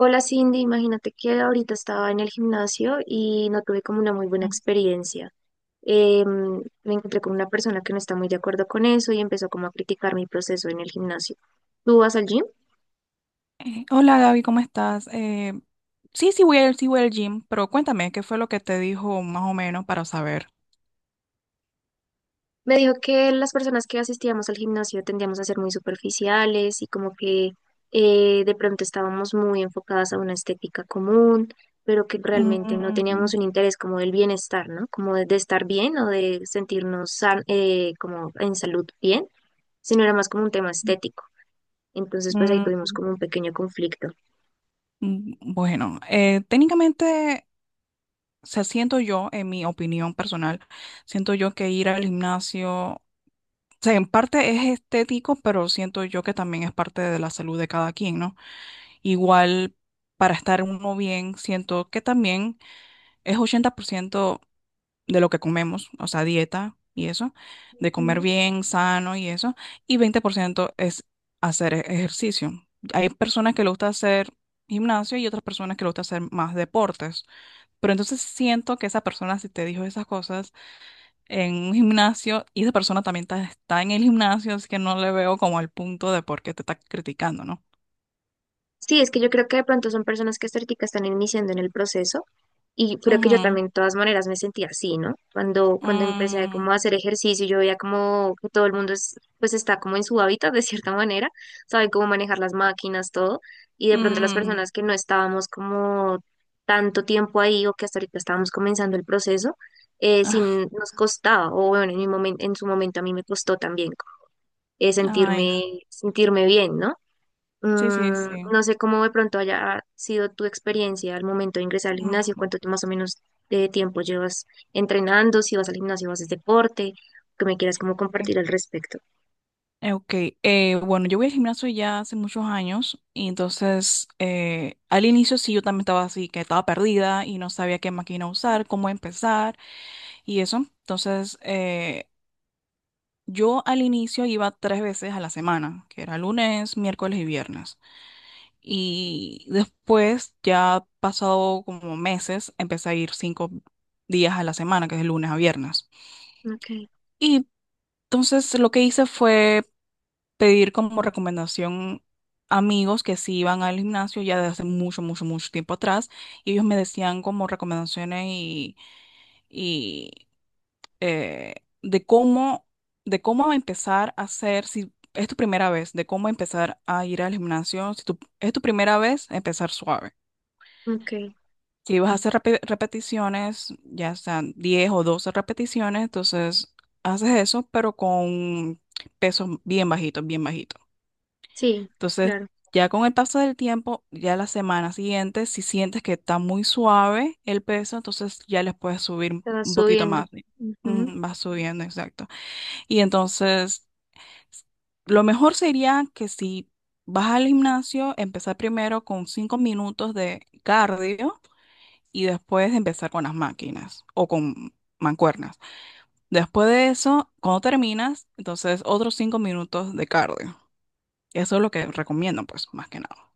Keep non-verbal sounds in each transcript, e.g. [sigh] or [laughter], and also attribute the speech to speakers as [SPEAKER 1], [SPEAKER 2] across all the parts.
[SPEAKER 1] Hola Cindy, imagínate que ahorita estaba en el gimnasio y no tuve como una muy buena experiencia. Me encontré con una persona que no está muy de acuerdo con eso y empezó como a criticar mi proceso en el gimnasio. ¿Tú vas al gym?
[SPEAKER 2] Hola Gaby, ¿cómo estás? Sí, sí voy al gym, pero cuéntame, ¿qué fue lo que te dijo más o menos para saber?
[SPEAKER 1] Me dijo que las personas que asistíamos al gimnasio tendíamos a ser muy superficiales y como que de pronto estábamos muy enfocadas a una estética común, pero que realmente no teníamos
[SPEAKER 2] Mm,
[SPEAKER 1] un interés como del bienestar, ¿no? Como de estar bien o de sentirnos como en salud bien, sino era más como un tema estético. Entonces, pues ahí tuvimos
[SPEAKER 2] mm,
[SPEAKER 1] como un pequeño conflicto.
[SPEAKER 2] mm, bueno, técnicamente, o sea, siento yo, en mi opinión personal, siento yo que ir al gimnasio, o sea, en parte es estético, pero siento yo que también es parte de la salud de cada quien, ¿no? Igual, para estar uno bien, siento que también es 80% de lo que comemos, o sea, dieta y eso, de comer
[SPEAKER 1] Ujú.
[SPEAKER 2] bien, sano y eso, y 20% es hacer ejercicio. Hay personas que le gusta hacer gimnasio y otras personas que le gusta hacer más deportes, pero entonces siento que esa persona si te dijo esas cosas en un gimnasio y esa persona también está en el gimnasio, así que no le veo como el punto de por qué te está criticando, ¿no?
[SPEAKER 1] Sí, es que yo creo que de pronto son personas que estéticas están iniciando en el proceso y creo que yo
[SPEAKER 2] Ujú.
[SPEAKER 1] también de todas maneras me sentía así, ¿no? Cuando empecé como
[SPEAKER 2] Mm.
[SPEAKER 1] a hacer ejercicio, yo veía como que todo el mundo es, pues está como en su hábitat de cierta manera, saben cómo manejar las máquinas, todo, y de pronto las
[SPEAKER 2] Mm.
[SPEAKER 1] personas que no estábamos como tanto tiempo ahí o que hasta ahorita estábamos comenzando el proceso,
[SPEAKER 2] Ah.
[SPEAKER 1] sin, nos costaba, o bueno, en en su momento a mí me costó también
[SPEAKER 2] Ay.
[SPEAKER 1] sentirme, sentirme bien, ¿no?
[SPEAKER 2] Sí, sí,
[SPEAKER 1] Mm,
[SPEAKER 2] sí.
[SPEAKER 1] no sé cómo de pronto haya sido tu experiencia al momento de ingresar al gimnasio,
[SPEAKER 2] Mm.
[SPEAKER 1] más o menos de tiempo llevas entrenando, si vas al gimnasio, haces deporte, que me quieras como compartir al respecto.
[SPEAKER 2] Ok, bueno, yo voy al gimnasio ya hace muchos años y entonces al inicio sí yo también estaba así, que estaba perdida y no sabía qué máquina usar, cómo empezar y eso. Entonces, yo al inicio iba 3 veces a la semana, que era lunes, miércoles y viernes. Y después, ya pasado como meses, empecé a ir 5 días a la semana, que es de lunes a viernes.
[SPEAKER 1] Okay,
[SPEAKER 2] Y entonces lo que hice fue pedir como recomendación amigos que sí iban al gimnasio ya desde hace mucho, mucho, mucho tiempo atrás, y ellos me decían como recomendaciones y, y eh, de cómo, de cómo empezar a hacer, si es tu primera vez, de cómo empezar a ir al gimnasio, si es tu primera vez, empezar suave.
[SPEAKER 1] okay,
[SPEAKER 2] Si vas a hacer repeticiones, ya sean 10 o 12 repeticiones, entonces haces eso, pero con pesos bien bajitos, bien bajitos.
[SPEAKER 1] sí,
[SPEAKER 2] Entonces,
[SPEAKER 1] claro,
[SPEAKER 2] ya con el paso del tiempo, ya la semana siguiente, si sientes que está muy suave el peso, entonces ya les puedes subir
[SPEAKER 1] te vas
[SPEAKER 2] un poquito
[SPEAKER 1] subiendo.
[SPEAKER 2] más.
[SPEAKER 1] Ujú.
[SPEAKER 2] Mm, va subiendo, exacto. Y entonces, s- lo mejor sería que si vas al gimnasio, empezar primero con 5 minutos de cardio y después empezar con las máquinas o con mancuernas. Después de eso, cuando terminas, entonces otros 5 minutos de cardio. Eso es lo que recomiendo, pues, más que nada.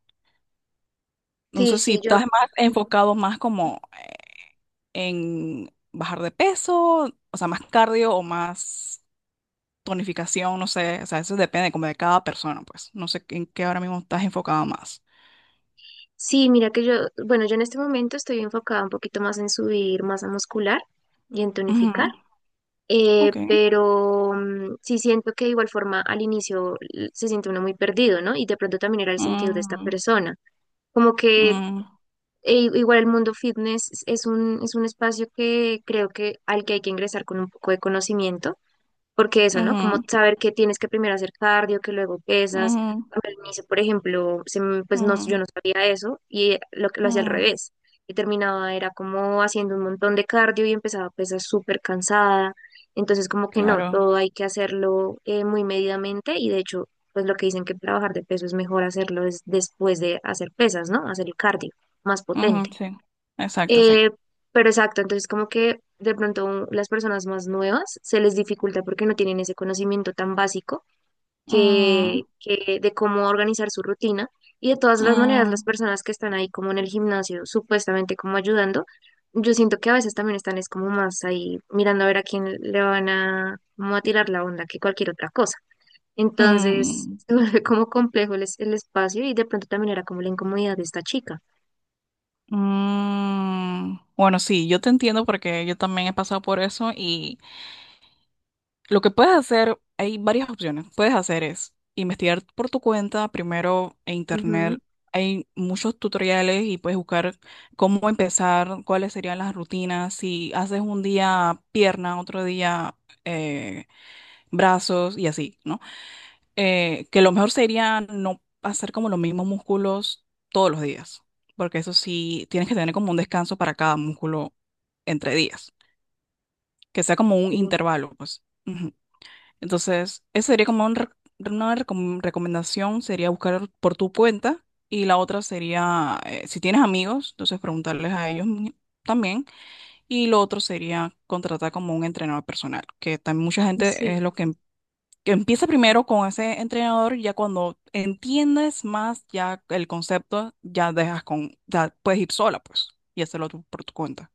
[SPEAKER 1] Sí,
[SPEAKER 2] Entonces, si
[SPEAKER 1] sí, yo,
[SPEAKER 2] estás más enfocado más como en bajar de peso, o sea, más cardio o más tonificación, no sé, o sea, eso depende como de cada persona, pues. No sé en qué ahora mismo estás enfocado más.
[SPEAKER 1] sí, mira que yo, bueno, yo en este momento estoy enfocada un poquito más en subir masa muscular y en tonificar.
[SPEAKER 2] Ujú. Ok.
[SPEAKER 1] Pero mm, sí siento que de igual forma al inicio se siente uno muy perdido, ¿no? Y de pronto también era el sentido de esta
[SPEAKER 2] Mm.
[SPEAKER 1] persona. Como que
[SPEAKER 2] Mm.
[SPEAKER 1] igual el mundo fitness es un espacio que creo que al que hay que ingresar con un poco de conocimiento porque eso, ¿no? Como
[SPEAKER 2] Ujú.
[SPEAKER 1] saber que tienes que primero hacer cardio, que luego pesas.
[SPEAKER 2] Ujú.
[SPEAKER 1] A mí al inicio, por ejemplo, pues no, yo
[SPEAKER 2] Ujú.
[SPEAKER 1] no sabía eso y lo que lo hacía al
[SPEAKER 2] Ujú.
[SPEAKER 1] revés. Y terminaba, era como haciendo un montón de cardio y empezaba a pesar súper cansada. Entonces, como que no,
[SPEAKER 2] Claro.
[SPEAKER 1] todo hay que hacerlo muy medidamente y de hecho, pues lo que dicen que para bajar de peso es mejor hacerlo es después de hacer pesas, ¿no? Hacer el cardio más
[SPEAKER 2] Ujú,
[SPEAKER 1] potente.
[SPEAKER 2] sí. Exacto, sí.
[SPEAKER 1] Eh, pero exacto, entonces como que de pronto las personas más nuevas se les dificulta porque no tienen ese conocimiento tan básico
[SPEAKER 2] Mm.
[SPEAKER 1] que de cómo organizar su rutina. Y de todas las maneras, las
[SPEAKER 2] Mm.
[SPEAKER 1] personas que están ahí como en el gimnasio, supuestamente como ayudando, yo siento que a veces también están es como más ahí mirando a ver a quién le van a, como a tirar la onda que cualquier otra cosa. Entonces [laughs]
[SPEAKER 2] Mm.
[SPEAKER 1] se vuelve como complejo el espacio y de pronto también era como la incomodidad de esta chica.
[SPEAKER 2] Mm. Bueno, sí, yo te entiendo porque yo también he pasado por eso. Lo que puedes hacer, hay varias opciones. Puedes hacer es investigar por tu cuenta, primero en
[SPEAKER 1] Ujú,
[SPEAKER 2] internet. Hay muchos tutoriales y puedes buscar cómo empezar, cuáles serían las rutinas, si haces un día pierna, otro día eh, brazos y así, ¿no? Que lo mejor sería no hacer como los mismos músculos todos los días, porque eso sí, tienes que tener como un descanso para cada músculo entre días, que sea como un
[SPEAKER 1] sí.
[SPEAKER 2] intervalo, pues. Ujú. Entonces, esa sería como una recomendación, sería buscar por tu cuenta. Y la otra sería, si tienes amigos, entonces preguntarles a ellos también. Y lo otro sería contratar como un entrenador personal, que también mucha gente es
[SPEAKER 1] Sí.
[SPEAKER 2] lo que, que empieza primero con ese entrenador, ya cuando entiendes más ya el concepto, ya dejas con, ya puedes ir sola, pues, y hacerlo tú por tu cuenta,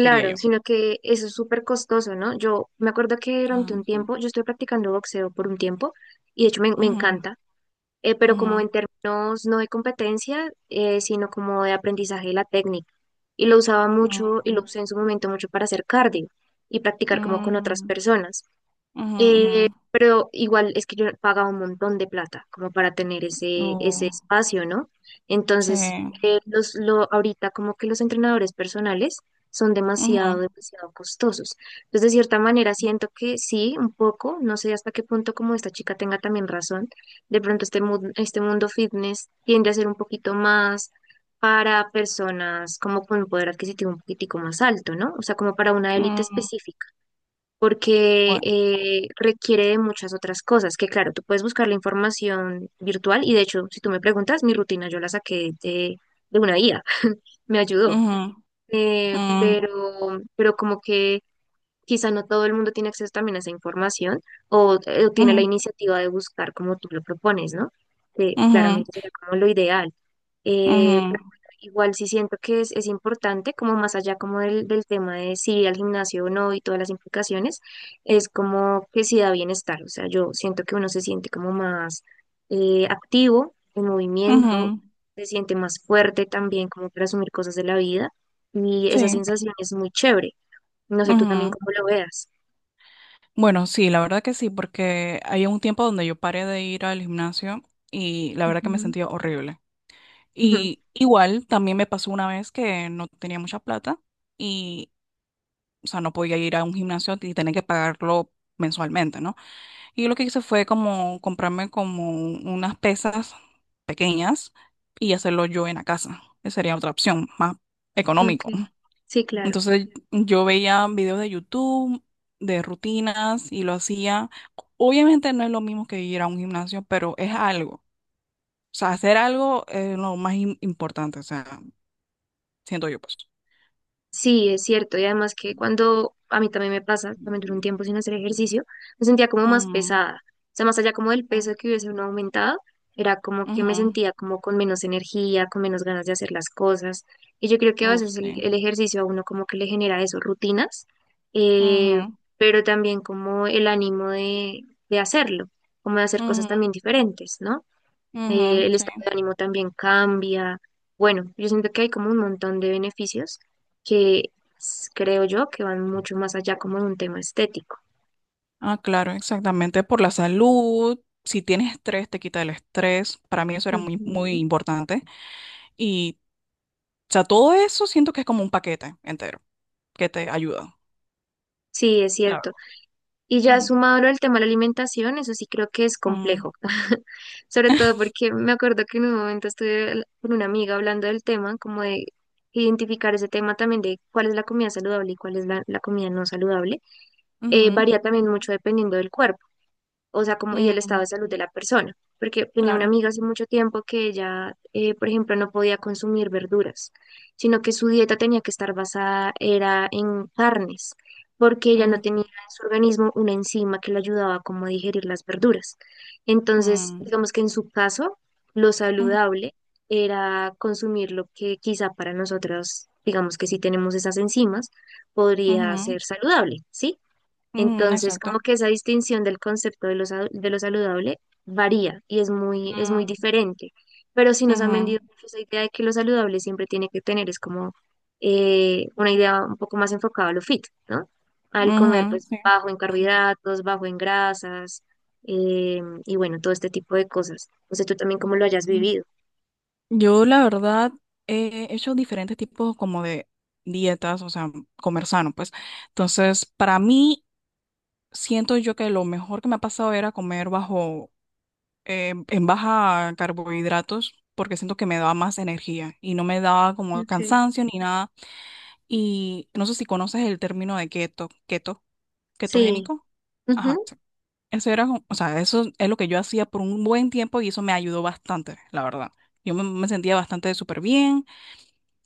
[SPEAKER 2] diría yo.
[SPEAKER 1] sino que eso es súper costoso, ¿no? Yo me acuerdo que durante
[SPEAKER 2] Ah.
[SPEAKER 1] un tiempo, yo estoy practicando boxeo por un tiempo y de hecho me
[SPEAKER 2] Ujú.
[SPEAKER 1] encanta, pero
[SPEAKER 2] Ujú.
[SPEAKER 1] como en términos no de competencia, sino como de aprendizaje de la técnica. Y lo usaba mucho y lo
[SPEAKER 2] Ujú.
[SPEAKER 1] usé en su momento mucho para hacer cardio y practicar
[SPEAKER 2] Ujú.
[SPEAKER 1] como con otras
[SPEAKER 2] Ujú.
[SPEAKER 1] personas.
[SPEAKER 2] Ujú. Ujú.
[SPEAKER 1] Pero igual es que yo pagaba un montón de plata como para tener
[SPEAKER 2] Uh,
[SPEAKER 1] ese espacio, ¿no?
[SPEAKER 2] sí.
[SPEAKER 1] Entonces, ahorita como que los entrenadores personales son
[SPEAKER 2] Ujú.
[SPEAKER 1] demasiado, demasiado costosos. Entonces, de cierta manera, siento que sí, un poco, no sé hasta qué punto como esta chica tenga también razón, de pronto este mundo fitness tiende a ser un poquito más para personas como con un poder adquisitivo un poquitico más alto, ¿no? O sea, como para una élite
[SPEAKER 2] Mm,
[SPEAKER 1] específica porque
[SPEAKER 2] bueno.
[SPEAKER 1] requiere de muchas otras cosas, que claro, tú puedes buscar la información virtual y de hecho, si tú me preguntas, mi rutina yo la saqué de una guía, me ayudó,
[SPEAKER 2] Ujú.
[SPEAKER 1] eh,
[SPEAKER 2] Mm.
[SPEAKER 1] pero, pero como que quizá no todo el mundo tiene acceso también a esa información o tiene la
[SPEAKER 2] Ujú.
[SPEAKER 1] iniciativa de buscar como tú lo propones, ¿no? Que
[SPEAKER 2] Ujú.
[SPEAKER 1] claramente será como lo ideal. Pero
[SPEAKER 2] Ujú.
[SPEAKER 1] bueno, igual sí siento que es importante, como más allá como del tema de si ir al gimnasio o no y todas las implicaciones, es como que sí da bienestar. O sea, yo siento que uno se siente como más activo, en movimiento,
[SPEAKER 2] Ujú.
[SPEAKER 1] se siente más fuerte también como para asumir cosas de la vida y esa
[SPEAKER 2] Sí.
[SPEAKER 1] sensación es muy chévere. No sé tú también
[SPEAKER 2] Ujú.
[SPEAKER 1] cómo lo veas.
[SPEAKER 2] Bueno, sí, la verdad que sí, porque había un tiempo donde yo paré de ir al gimnasio y la verdad que me
[SPEAKER 1] Ujú,
[SPEAKER 2] sentía horrible. Y igual también me pasó una vez que no tenía mucha plata y, o sea, no podía ir a un gimnasio y tenía que pagarlo mensualmente, ¿no? Y yo lo que hice fue como comprarme como unas pesas pequeñas y hacerlo yo en la casa. Esa sería otra opción, más
[SPEAKER 1] ujú, ok.
[SPEAKER 2] económico.
[SPEAKER 1] Sí, claro.
[SPEAKER 2] Entonces yo veía videos de YouTube, de rutinas y lo hacía. Obviamente no es lo mismo que ir a un gimnasio, pero es algo. O sea, hacer algo es lo más importante, o sea, siento yo pues.
[SPEAKER 1] Sí, es cierto. Y además que cuando a mí también me pasa, también duré un tiempo sin hacer ejercicio, me sentía como más
[SPEAKER 2] Mm.
[SPEAKER 1] pesada. O sea, más allá como del
[SPEAKER 2] Mm.
[SPEAKER 1] peso que hubiese uno aumentado, era como que me
[SPEAKER 2] Ujú.
[SPEAKER 1] sentía como con menos energía, con menos ganas de hacer las cosas. Y yo creo que a
[SPEAKER 2] Uf,
[SPEAKER 1] veces
[SPEAKER 2] sí.
[SPEAKER 1] el ejercicio a uno como que le genera eso, rutinas, eh,
[SPEAKER 2] Ujú.
[SPEAKER 1] pero también como el ánimo de hacerlo, como de hacer cosas
[SPEAKER 2] Ujú.
[SPEAKER 1] también diferentes, ¿no?
[SPEAKER 2] Ujú,
[SPEAKER 1] El
[SPEAKER 2] sí.
[SPEAKER 1] estado de ánimo también cambia. Bueno, yo siento que hay como un montón de beneficios que creo yo que van mucho más allá como de un tema estético.
[SPEAKER 2] Ah, claro, exactamente. Por la salud, si tienes estrés, te quita el estrés. Para mí eso era muy, muy
[SPEAKER 1] Ujú.
[SPEAKER 2] importante. Y, o sea, todo eso siento que es como un paquete entero que te ayuda.
[SPEAKER 1] Sí, es cierto.
[SPEAKER 2] Claro.
[SPEAKER 1] Y ya
[SPEAKER 2] Mm.
[SPEAKER 1] sumado al tema de la alimentación, eso sí creo que es
[SPEAKER 2] Mm.
[SPEAKER 1] complejo. [laughs] Sobre todo
[SPEAKER 2] [laughs]
[SPEAKER 1] porque me acuerdo que en un momento estuve con una amiga hablando del tema, como de identificar ese tema también de cuál es la comida saludable y cuál es la comida no saludable.
[SPEAKER 2] ujú.
[SPEAKER 1] Varía también mucho dependiendo del cuerpo. O sea, como y el estado
[SPEAKER 2] Mm,
[SPEAKER 1] de salud de la persona, porque tenía una
[SPEAKER 2] claro.
[SPEAKER 1] amiga hace mucho tiempo que ella, por ejemplo, no podía consumir verduras, sino que su dieta tenía que estar basada era en carnes, porque ella no tenía
[SPEAKER 2] Mm.
[SPEAKER 1] en su organismo una enzima que le ayudaba como a digerir las verduras. Entonces,
[SPEAKER 2] Mm.
[SPEAKER 1] digamos que en su caso, lo
[SPEAKER 2] Ujú.
[SPEAKER 1] saludable era consumir lo que quizá para nosotros, digamos que si tenemos esas enzimas, podría
[SPEAKER 2] Ujú.
[SPEAKER 1] ser saludable, ¿sí?
[SPEAKER 2] Ujú,
[SPEAKER 1] Entonces, como
[SPEAKER 2] exacto.
[SPEAKER 1] que esa distinción del concepto de de lo saludable varía y es muy
[SPEAKER 2] Mm.
[SPEAKER 1] diferente. Pero si nos han
[SPEAKER 2] Ujú.
[SPEAKER 1] vendido mucho esa idea de que lo saludable siempre tiene que tener, es como una idea un poco más enfocada a lo fit, ¿no? Al comer,
[SPEAKER 2] Ujú,
[SPEAKER 1] pues,
[SPEAKER 2] sí.
[SPEAKER 1] bajo en carbohidratos, bajo en grasas, y bueno, todo este tipo de cosas. No sé tú también cómo lo hayas
[SPEAKER 2] Mm.
[SPEAKER 1] vivido.
[SPEAKER 2] Yo, la verdad, he hecho diferentes tipos como de dietas, o sea, comer sano, pues. Entonces, para mí siento yo que lo mejor que me ha pasado era comer bajo, en baja carbohidratos, porque siento que me daba más energía y no me daba como
[SPEAKER 1] Okay.
[SPEAKER 2] cansancio ni nada. Y no sé si conoces el término de keto,
[SPEAKER 1] Sí,
[SPEAKER 2] ketogénico. Ajá,
[SPEAKER 1] ujú,
[SPEAKER 2] sí. Eso era, o sea, eso es lo que yo hacía por un buen tiempo y eso me ayudó bastante, la verdad. Yo me, me sentía bastante súper bien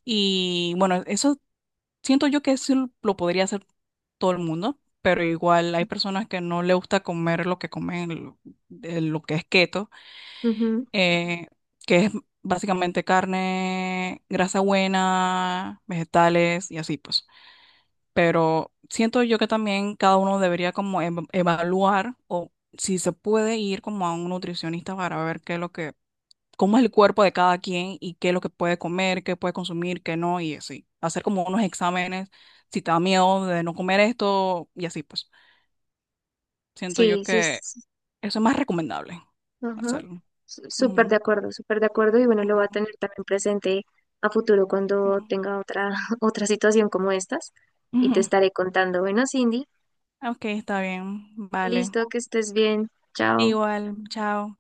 [SPEAKER 2] y bueno, eso. Siento yo que sí lo podría hacer todo el mundo, pero igual hay personas que no le gusta comer lo que comen, lo que es keto,
[SPEAKER 1] ujú.
[SPEAKER 2] eh, que es básicamente carne, grasa buena, vegetales y así pues. Pero siento yo que también cada uno debería como evaluar o si se puede ir como a un nutricionista para ver qué es lo que cómo es el cuerpo de cada quien y qué es lo que puede comer, qué puede consumir, qué no, y así. Hacer como unos exámenes, si te da miedo de no comer esto, y así pues. Siento yo
[SPEAKER 1] Sí, sí,
[SPEAKER 2] que
[SPEAKER 1] es-
[SPEAKER 2] eso es más recomendable
[SPEAKER 1] Ajá.
[SPEAKER 2] hacerlo. Ujú.
[SPEAKER 1] Súper de acuerdo y bueno, lo va a
[SPEAKER 2] Ujú.
[SPEAKER 1] tener también presente a futuro cuando
[SPEAKER 2] Ujú.
[SPEAKER 1] tenga otra, [laughs] otra situación como estas y
[SPEAKER 2] Ujú.
[SPEAKER 1] te
[SPEAKER 2] [laughs]
[SPEAKER 1] estaré contando. Bueno, Cindy,
[SPEAKER 2] Ok, está bien, vale.
[SPEAKER 1] listo, que estés bien. Chao.
[SPEAKER 2] Igual, chao.